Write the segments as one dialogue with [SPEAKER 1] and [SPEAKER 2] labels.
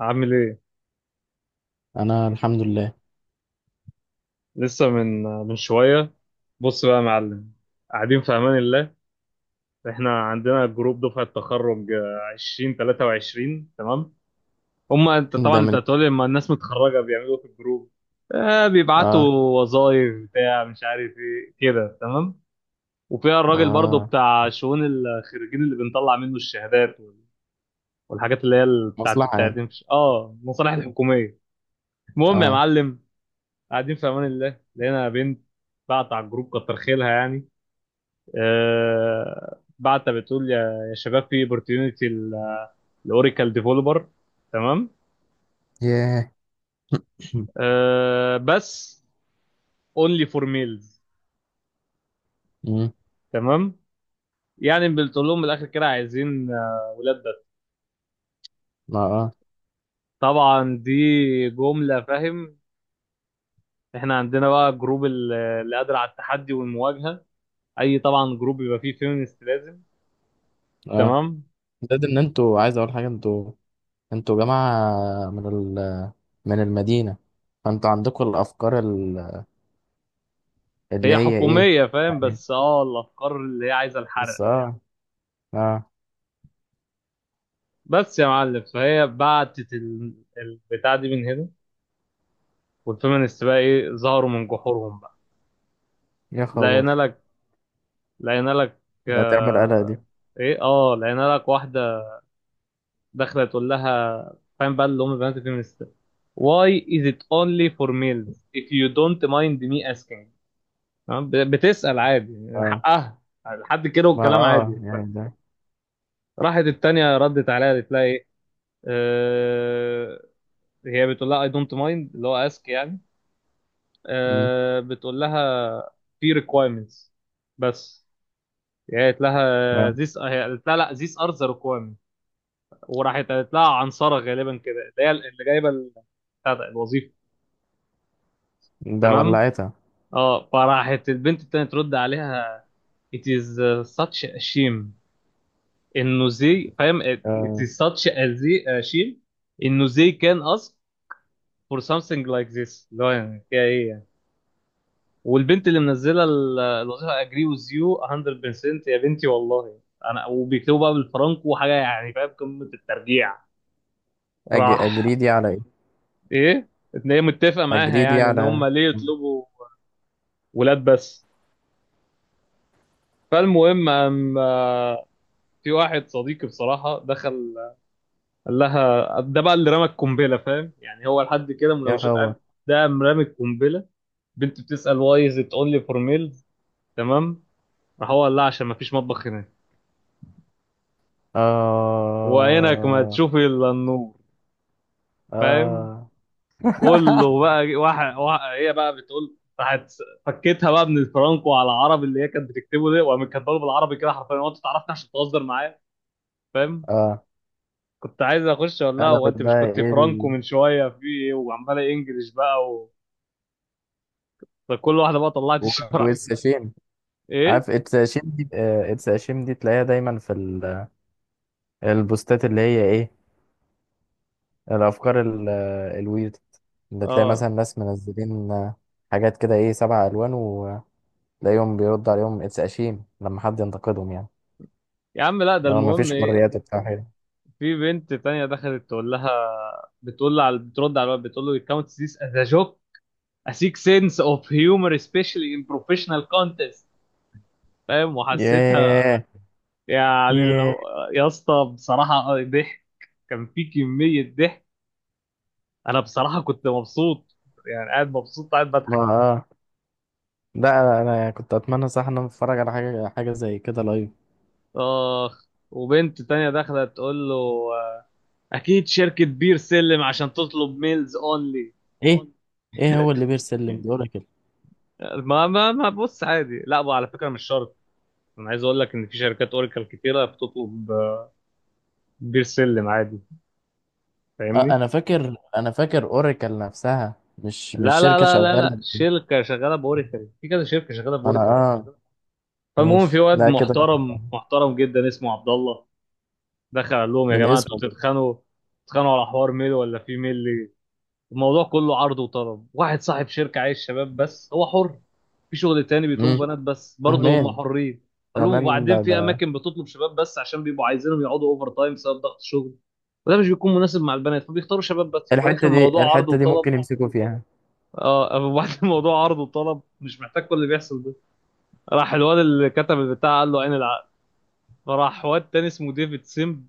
[SPEAKER 1] عامل ايه؟
[SPEAKER 2] انا الحمد لله.
[SPEAKER 1] لسه من شوية. بص بقى يا معلم، قاعدين في أمان الله. احنا عندنا جروب دفعة تخرج، 20 23، تمام. هما انت
[SPEAKER 2] ده
[SPEAKER 1] طبعا انت
[SPEAKER 2] من
[SPEAKER 1] هتقولي لما الناس متخرجة بيعملوا إيه في الجروب؟ آه، بيبعتوا
[SPEAKER 2] اه
[SPEAKER 1] وظايف بتاع مش عارف ايه كده، تمام. وفيها الراجل برضو
[SPEAKER 2] اه
[SPEAKER 1] بتاع شؤون الخريجين اللي بنطلع منه الشهادات والحاجات، اللي هي بتاعت
[SPEAKER 2] مصلحة يعني.
[SPEAKER 1] التقديم المصالح الحكومية. المهم يا
[SPEAKER 2] اه
[SPEAKER 1] معلم، قاعدين في امان الله، لقينا بنت بعت على الجروب، كتر خيرها يعني. بعت بتقول يا شباب، في اوبورتيونيتي الاوراكل ديفلوبر، تمام.
[SPEAKER 2] ياه.
[SPEAKER 1] بس، اونلي فور ميلز،
[SPEAKER 2] مم.
[SPEAKER 1] تمام. يعني بتقول لهم من الاخر كده عايزين، ولاد بس.
[SPEAKER 2] ما اه
[SPEAKER 1] طبعا دي جمله، فاهم. احنا عندنا بقى جروب اللي قادر على التحدي والمواجهه. اي طبعا جروب يبقى فيه فيمينست لازم،
[SPEAKER 2] اه
[SPEAKER 1] تمام.
[SPEAKER 2] ده ان انتوا، عايز اقول حاجة. انتوا جماعة من ال من المدينة، فانتوا عندكم الافكار ال- اللي
[SPEAKER 1] هي
[SPEAKER 2] هي ايه
[SPEAKER 1] حكوميه، فاهم،
[SPEAKER 2] يعني.
[SPEAKER 1] بس الافكار اللي هي عايزه الحرق.
[SPEAKER 2] بس اه اه
[SPEAKER 1] بس يا معلم، فهي بعتت البتاع دي من هنا، والفيمينست بقى ايه ظهروا من جحورهم بقى.
[SPEAKER 2] يا
[SPEAKER 1] لقينا
[SPEAKER 2] خبر،
[SPEAKER 1] لك لقينا لك
[SPEAKER 2] ده تعمل قلق دي.
[SPEAKER 1] آه ايه اه لقينا لك واحده داخله تقول لها، فاهم بقى، اللي هم البنات الفيمينست. Why is it only for males if you don't mind me asking؟ تمام؟ بتسأل عادي
[SPEAKER 2] اه
[SPEAKER 1] حقها، لحد كده
[SPEAKER 2] ما
[SPEAKER 1] والكلام
[SPEAKER 2] اه
[SPEAKER 1] عادي.
[SPEAKER 2] يعني ده.
[SPEAKER 1] راحت التانية ردت عليها قالت لها ايه؟ آه هي بتقول لها I don't mind، اللي هو ask يعني.
[SPEAKER 2] مم.
[SPEAKER 1] بتقول لها في requirements، بس. يعني قالت لها
[SPEAKER 2] اه
[SPEAKER 1] this، هي قالت لها لا، these are the requirements. وراحت قالت لها عنصرة غالبا كده، اللي هي اللي جايبة بتاع ده، الوظيفة،
[SPEAKER 2] ده
[SPEAKER 1] تمام.
[SPEAKER 2] ولعتها.
[SPEAKER 1] اه فراحت البنت التانية ترد عليها، it is such a shame، انه زي فاهم it
[SPEAKER 2] آه.
[SPEAKER 1] is such a a shame، انه زي can ask for something like this، اللي هو يعني فيها ايه يعني؟ والبنت اللي منزله الوظيفه، اجري وذ يو 100% يا بنتي والله. انا وبيكتبوا بقى بالفرنك وحاجه يعني، فاهم، قمه الترجيع.
[SPEAKER 2] أج...
[SPEAKER 1] راح
[SPEAKER 2] اجريدي على ايه؟
[SPEAKER 1] ايه ان هي متفقه معاها،
[SPEAKER 2] اجريدي
[SPEAKER 1] يعني ان هم
[SPEAKER 2] على.
[SPEAKER 1] ليه يطلبوا ولاد بس. فالمهم في واحد صديقي بصراحه دخل قال لها ده بقى اللي رمى القنبله، فاهم. يعني هو لحد كده
[SPEAKER 2] يا
[SPEAKER 1] مناوشات،
[SPEAKER 2] خبر.
[SPEAKER 1] قد ده مرمي القنبله. بنت بتسال واي از ات اونلي فور ميلز، تمام. راح هو قال لها عشان ما فيش مطبخ هنا، وعينك ما
[SPEAKER 2] آه
[SPEAKER 1] تشوفي الا النور، فاهم.
[SPEAKER 2] آه
[SPEAKER 1] كله بقى واحد. هي بقى بتقول راحت، فكيتها بقى من الفرانكو على العربي اللي هي كانت بتكتبه ده، وقامت كاتبه له بالعربي كده حرفيا: هو انت تعرفني عشان تهزر معايا؟ فاهم.
[SPEAKER 2] آه
[SPEAKER 1] كنت عايز اخش اقول لها
[SPEAKER 2] أنا
[SPEAKER 1] هو انت مش
[SPEAKER 2] بتضايق.
[SPEAKER 1] كنت فرانكو من شويه، في ايه وعماله انجلش بقى فكل واحده بقى طلعت الشرعي.
[SPEAKER 2] والساشين.
[SPEAKER 1] ايه
[SPEAKER 2] عارف الساشين دي تلاقيها دايما في ال- البوستات، اللي هي إيه الأفكار ال- الويرد، اللي تلاقي مثلا
[SPEAKER 1] اه
[SPEAKER 2] ناس منزلين حاجات كده إيه سبع ألوان، وتلاقيهم بيرد عليهم اتساشين لما حد ينتقدهم يعني،
[SPEAKER 1] يا عم، لا ده
[SPEAKER 2] لو
[SPEAKER 1] المهم
[SPEAKER 2] مفيش
[SPEAKER 1] ايه.
[SPEAKER 2] حريات بتاع حاجة.
[SPEAKER 1] في بنت تانية دخلت تقول لها، بتقول لها على بترد على الواد بتقول له: الكاونت ذيس از ا جوك، اسيك سنس اوف هيومر سبيشالي ان بروفيشنال كونتست. فاهم، وحسيتها،
[SPEAKER 2] ياه.
[SPEAKER 1] يعني
[SPEAKER 2] ياه.
[SPEAKER 1] يا اسطى بصراحه، ضحك. كان في كميه ضحك. انا بصراحه كنت مبسوط، يعني قاعد مبسوط قاعد
[SPEAKER 2] ما
[SPEAKER 1] بضحك.
[SPEAKER 2] آه لا، أنا كنت أتمنى صح إن أنا أتفرج على حاجة حاجة زي كده لايف.
[SPEAKER 1] اخ، وبنت تانية داخله تقول له، آه، اكيد شركه بير سلم عشان تطلب ميلز اونلي.
[SPEAKER 2] ايه. ايه هو اللي بيرسلم دي، اوراكل؟
[SPEAKER 1] ما ما ما بص عادي، لا بقى على فكره مش شرط. انا عايز اقول لك ان في شركات اوراكل كتيره بتطلب بير سلم عادي.
[SPEAKER 2] اه
[SPEAKER 1] فاهمني.
[SPEAKER 2] انا فاكر اوراكل نفسها مش
[SPEAKER 1] لا لا
[SPEAKER 2] شركة
[SPEAKER 1] لا لا لا،
[SPEAKER 2] شغالة.
[SPEAKER 1] شركه شغاله باوريكل، في كذا شركه شغاله
[SPEAKER 2] انا
[SPEAKER 1] باوريكل.
[SPEAKER 2] اه
[SPEAKER 1] فالمهم في
[SPEAKER 2] ماشي،
[SPEAKER 1] واد
[SPEAKER 2] لا كده.
[SPEAKER 1] محترم محترم جدا اسمه عبد الله، دخل قال لهم يا
[SPEAKER 2] من
[SPEAKER 1] جماعه انتوا
[SPEAKER 2] اسمه برضه.
[SPEAKER 1] تتخانقوا على حوار ميل ولا في ميل. الموضوع كله عرض وطلب. واحد صاحب شركه عايز شباب بس، هو حر. في شغل تاني
[SPEAKER 2] امم
[SPEAKER 1] بيطلبوا بنات بس برضه،
[SPEAKER 2] فهمان
[SPEAKER 1] هم حرين. قال لهم
[SPEAKER 2] فهمان
[SPEAKER 1] وبعدين
[SPEAKER 2] ده
[SPEAKER 1] في
[SPEAKER 2] ده
[SPEAKER 1] اماكن بتطلب شباب بس عشان بيبقوا عايزينهم يقعدوا اوفر تايم بسبب ضغط الشغل، وده مش بيكون مناسب مع البنات، فبيختاروا شباب بس، وفي الاخر
[SPEAKER 2] الحتة دي
[SPEAKER 1] الموضوع عرض
[SPEAKER 2] الحتة دي ممكن
[SPEAKER 1] وطلب.
[SPEAKER 2] يمسكوا فيها.
[SPEAKER 1] اه وبعد الموضوع عرض وطلب، مش محتاج كل اللي بيحصل ده. راح الواد اللي كتب البتاع قال له عين العقل. فراح واد تاني اسمه ديفيد سيمب،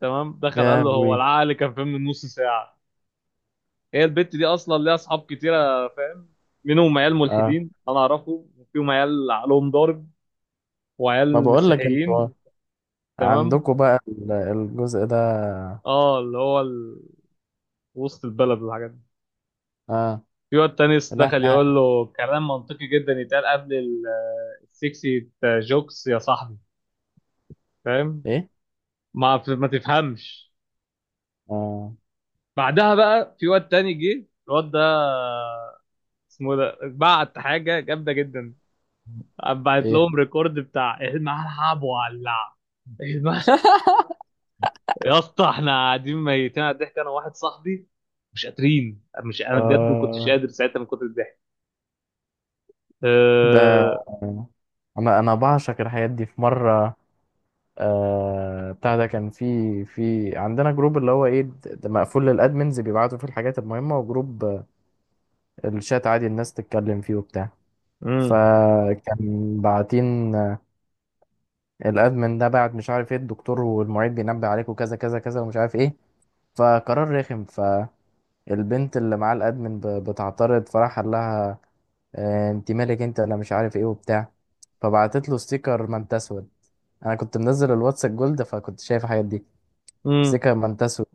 [SPEAKER 1] تمام، دخل قال
[SPEAKER 2] يا
[SPEAKER 1] له هو
[SPEAKER 2] وي.
[SPEAKER 1] العقل كان فين من نص ساعة؟ هي البت دي اصلا ليها اصحاب كتيرة، فاهم، منهم عيال
[SPEAKER 2] اه
[SPEAKER 1] ملحدين انا اعرفه، وفيهم عيال عقلهم ضارب،
[SPEAKER 2] ما
[SPEAKER 1] وعيال
[SPEAKER 2] بقول لك،
[SPEAKER 1] مسيحيين،
[SPEAKER 2] انتوا
[SPEAKER 1] تمام.
[SPEAKER 2] عندكوا بقى ال- الجزء ده.
[SPEAKER 1] اه اللي هو وسط البلد والحاجات دي.
[SPEAKER 2] اه
[SPEAKER 1] في واد تاني
[SPEAKER 2] لا،
[SPEAKER 1] دخل
[SPEAKER 2] احنا.
[SPEAKER 1] يقول له كلام منطقي جدا يتقال قبل السكسي جوكس، يا صاحبي، فاهم.
[SPEAKER 2] ايه.
[SPEAKER 1] ما تفهمش.
[SPEAKER 2] اه
[SPEAKER 1] بعدها بقى في واد تاني جه، الواد ده اسمه ده، بعت حاجه جامده جدا، بعت
[SPEAKER 2] ايه.
[SPEAKER 1] لهم ريكورد بتاع إيه الملعب ولع. الم- يا اسطى احنا قاعدين ميتين على الضحك، انا وواحد صاحبي مش قادرين، مش انا بجد ما كنتش
[SPEAKER 2] اه
[SPEAKER 1] قادر ساعتها من كتر الضحك.
[SPEAKER 2] ده
[SPEAKER 1] أه...
[SPEAKER 2] انا بعشق الحاجات دي. في مرة بتاع ده، كان في عندنا جروب، اللي هو ايه د- ده مقفول للادمنز، بيبعتوا فيه الحاجات المهمه، وجروب الشات عادي الناس تتكلم فيه وبتاع.
[SPEAKER 1] مم.
[SPEAKER 2] فكان باعتين الادمن ده بعت مش عارف ايه، الدكتور والمعيد بينبه عليك، وكذا كذا كذا ومش عارف ايه. فقرار رخم. فالبنت اللي معاه الادمن ب- بتعترض، فراح قال لها انت مالك انت ولا مش عارف ايه وبتاع. فبعتت له ستيكر، ما انت اسود. انا كنت منزل الواتس الجولد، فكنت شايف الحاجات دي.
[SPEAKER 1] مم.
[SPEAKER 2] ستيكر ما انت اسود.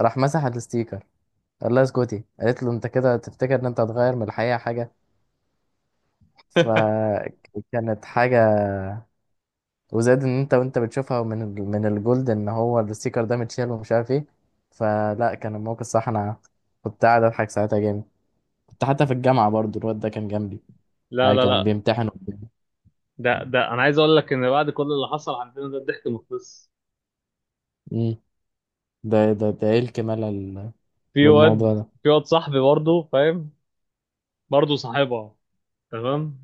[SPEAKER 2] راح مسح الستيكر، قال لها اسكتي. قالت له انت كده تفتكر ان انت هتغير من الحقيقه حاجه؟ فكانت حاجه. وزاد ان انت وانت بتشوفها من ال- من الجولد، ان هو الستيكر ده متشال ومش عارف ايه. فلا، كان الموقف صح. انا كنت قاعد اضحك ساعتها جامد. كنت حتى في الجامعه برضو، الواد ده كان جنبي،
[SPEAKER 1] لا
[SPEAKER 2] يعني
[SPEAKER 1] لا
[SPEAKER 2] كان
[SPEAKER 1] لا،
[SPEAKER 2] بيمتحن قدامي.
[SPEAKER 1] ده ده انا عايز اقول لك ان بعد كل اللي حصل عندنا ده، الضحك مخلص.
[SPEAKER 2] امم ده ايه الكمال ال-
[SPEAKER 1] في
[SPEAKER 2] للموضوع
[SPEAKER 1] واد
[SPEAKER 2] ده.
[SPEAKER 1] في واد صاحبي برضه، فاهم، برضه صاحبها، تمام.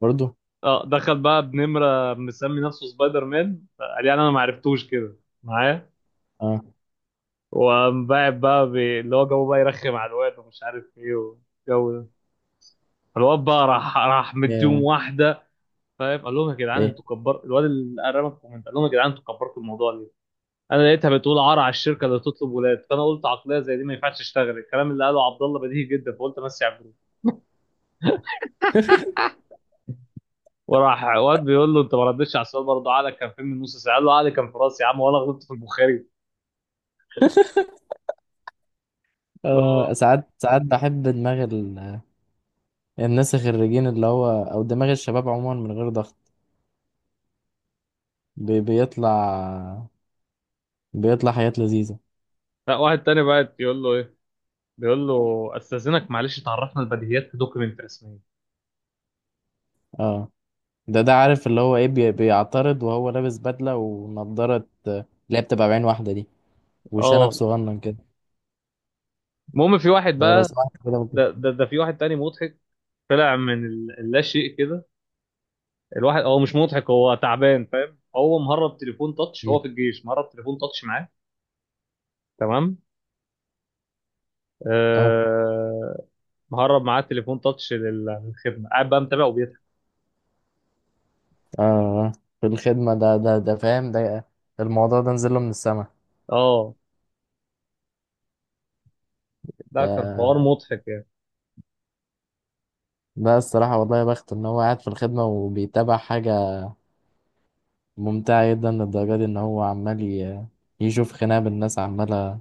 [SPEAKER 2] برضو.
[SPEAKER 1] اه دخل بقى بنمرة مسمي نفسه سبايدر مان، قال يعني انا ما عرفتوش كده معاه.
[SPEAKER 2] اه
[SPEAKER 1] وقام باعت بقى اللي هو جو بقى يرخم على الواد ومش عارف ايه والجو ده. الواد بقى راح مديهم
[SPEAKER 2] ايه.
[SPEAKER 1] واحده، فاهم. قال لهم يا جدعان
[SPEAKER 2] ايه.
[SPEAKER 1] انتوا كبرتوا الواد اللي قربك الكومنت، قال لهم يا جدعان انتوا كبرتوا الموضوع ليه؟ انا لقيتها بتقول عار على الشركه اللي تطلب ولاد، فانا قلت عقليه زي دي ما ينفعش تشتغل، الكلام اللي قاله عبد الله بديهي جدا، فقلت امسي على الجروب. وراح واد بيقول له انت ما ردتش على السؤال برضه، عقلك كان فين من نص ساعه؟ قال له عقلي كان في راسي يا عم، وانا غلطت في البخاري.
[SPEAKER 2] آه، ساعات ساعات بحب دماغ الناس الخريجين، اللي هو او دماغ الشباب عموما من غير ضغط، بي- بيطلع، بيطلع حاجات لذيذة.
[SPEAKER 1] لا، واحد تاني بقى يقول له ايه، بيقول له استاذنك معلش تعرفنا البديهيات في دوكيمنت رسميه.
[SPEAKER 2] اه ده عارف اللي هو ايه، بي- بيعترض وهو لابس بدلة ونضارة اللي هي بتبقى بعين واحدة دي، وشنب
[SPEAKER 1] اه
[SPEAKER 2] صغنن كده.
[SPEAKER 1] المهم في واحد
[SPEAKER 2] لو
[SPEAKER 1] بقى،
[SPEAKER 2] سمحت كده ممكن.
[SPEAKER 1] ده ده, ده في واحد تاني مضحك طلع من اللا شيء كده. الواحد هو مش مضحك، هو تعبان، فاهم، هو مهرب تليفون تاتش،
[SPEAKER 2] مم.
[SPEAKER 1] هو في الجيش مهرب تليفون تاتش معاه، تمام.
[SPEAKER 2] اه
[SPEAKER 1] آه مهرب معاه تليفون تاتش للخدمه، قاعد بقى متابع وبيضحك.
[SPEAKER 2] اه آه. في الخدمة، ده فاهم، ده الموضوع ده نزله من السما.
[SPEAKER 1] اه ده كان حوار
[SPEAKER 2] ده
[SPEAKER 1] مضحك يعني.
[SPEAKER 2] ده الصراحة والله، يا بخت ان هو قاعد في الخدمة وبيتابع حاجة ممتعة جدا للدرجة دي، ان هو عمال ي- يشوف خناقة بالناس عمالة.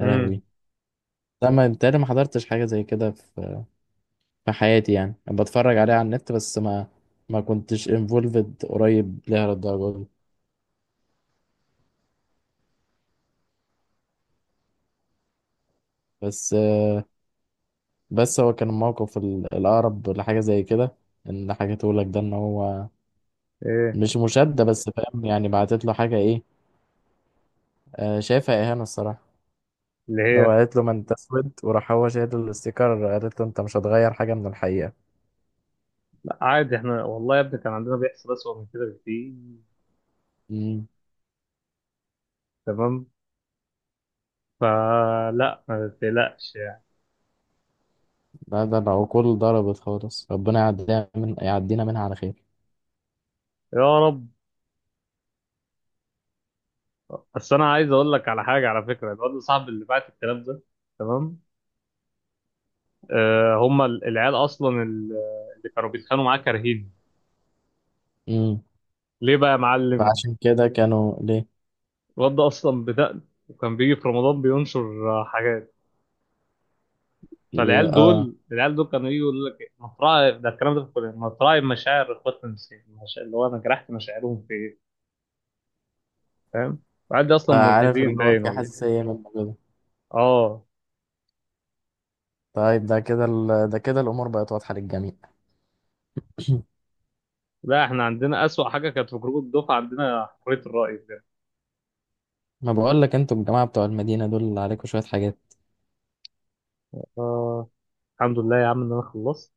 [SPEAKER 2] يا
[SPEAKER 1] امم
[SPEAKER 2] لهوي. لا، ما انت ما حضرتش حاجه زي كده في في حياتي يعني. انا بتفرج عليها على النت بس، ما كنتش انفولفد قريب ليها للدرجه دي. بس بس هو كان الموقف ال- الاقرب لحاجه زي كده ان حكيته لك ده، ان هو
[SPEAKER 1] ايه
[SPEAKER 2] مش مشاده بس فاهم، يعني بعتت له حاجه ايه شايفها اهانه الصراحه.
[SPEAKER 1] اللي
[SPEAKER 2] لو
[SPEAKER 1] هي.
[SPEAKER 2] قالت له ما انت اسود، وراح هو شايل الاستيكر، قالت له انت مش هتغير حاجه من الحقيقه.
[SPEAKER 1] لا عادي، احنا والله يا ابني كان عندنا بيحصل اسوء من كده بكتير،
[SPEAKER 2] امم
[SPEAKER 1] تمام. فلا ما تقلقش يعني.
[SPEAKER 2] لا، ده العقول ضربت خالص. ربنا يعدينا منها على
[SPEAKER 1] يا رب. بس انا عايز اقول لك على حاجه، على فكره الواد صاحب اللي بعت الكلام ده، تمام، هم العيال اصلا اللي كانوا بيتخانقوا معاه كارهين
[SPEAKER 2] خير.
[SPEAKER 1] ليه بقى يا معلم؟
[SPEAKER 2] فعشان كده كانوا ليه.
[SPEAKER 1] الواد ده اصلا بدأ، وكان بيجي في رمضان بينشر حاجات.
[SPEAKER 2] ي-
[SPEAKER 1] فالعيال دول العيال دول كانوا يجوا يقول لك إيه، مطرح ده الكلام ده في الكليه، مطرح مشاعر اخواتنا المسيحيين، اللي هو انا جرحت مشاعرهم في ايه؟ فاهم. العيال دي اصلا
[SPEAKER 2] فعارف
[SPEAKER 1] ملحدين
[SPEAKER 2] اللي هو
[SPEAKER 1] باين
[SPEAKER 2] في
[SPEAKER 1] ولا.
[SPEAKER 2] حساسية منه كده.
[SPEAKER 1] اه
[SPEAKER 2] طيب، ده كده الأمور بقت واضحة للجميع.
[SPEAKER 1] لا احنا عندنا أسوأ حاجة كانت في جروب الدفعة، عندنا حرية الرأي بجد.
[SPEAKER 2] ما بقول لك، انتوا الجماعة بتوع المدينة دول اللي عليكم شوية حاجات.
[SPEAKER 1] آه، الحمد لله يا عم إن أنا خلصت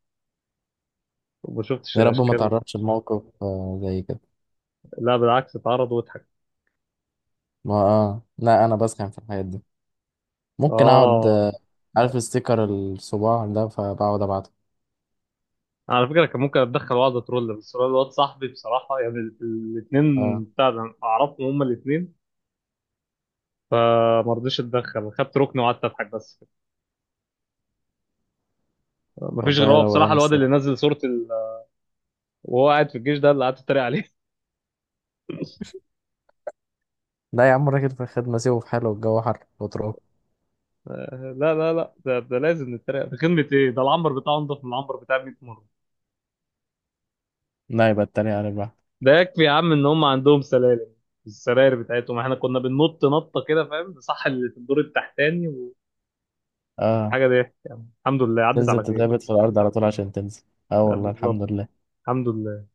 [SPEAKER 1] وما شفتش
[SPEAKER 2] يا رب ما
[SPEAKER 1] الأشكال.
[SPEAKER 2] تعرضش لموقف زي كده.
[SPEAKER 1] لا بالعكس، اتعرض واتحك.
[SPEAKER 2] ما اه لا، أنا بسخن في الحاجات دي. ممكن أقعد
[SPEAKER 1] آه
[SPEAKER 2] عارف الستيكر الصباع ده، فبقعد أبعته.
[SPEAKER 1] على فكرة كان ممكن أتدخل وأقعد أترول، بس هو الواد صاحبي بصراحة، يعني الاتنين
[SPEAKER 2] اه
[SPEAKER 1] بتاع ده أعرفهم هما الاتنين، فما رضيتش أتدخل، خدت ركن وقعدت أضحك بس كده. مفيش
[SPEAKER 2] والله
[SPEAKER 1] غير
[SPEAKER 2] يا
[SPEAKER 1] هو بصراحة،
[SPEAKER 2] روقان
[SPEAKER 1] الواد اللي
[SPEAKER 2] الصراحة.
[SPEAKER 1] نزل صورة وهو قاعد في الجيش، ده اللي قعدت أتريق عليه
[SPEAKER 2] لا يا عم، راجل في الخدمة سيبه في حاله، الجو حر وتروح.
[SPEAKER 1] لا لا لا، ده, ده لازم نتريق. في خدمة إيه؟ ده العنبر بتاعه أنضف من العنبر بتاع 100 مرة.
[SPEAKER 2] لا، يبقى التاني على البحر.
[SPEAKER 1] ده يكفي يا عم ان هم عندهم سلالم، السراير بتاعتهم احنا كنا بننط نطه كده، فاهم صح، اللي في الدور التحتاني،
[SPEAKER 2] اه
[SPEAKER 1] وحاجه ضحك يعني. الحمد لله عدت
[SPEAKER 2] تنزل
[SPEAKER 1] على خير.
[SPEAKER 2] تتربط في الأرض على طول عشان تنزل. اه
[SPEAKER 1] لا،
[SPEAKER 2] والله الحمد
[SPEAKER 1] بالظبط.
[SPEAKER 2] لله.
[SPEAKER 1] الحمد لله.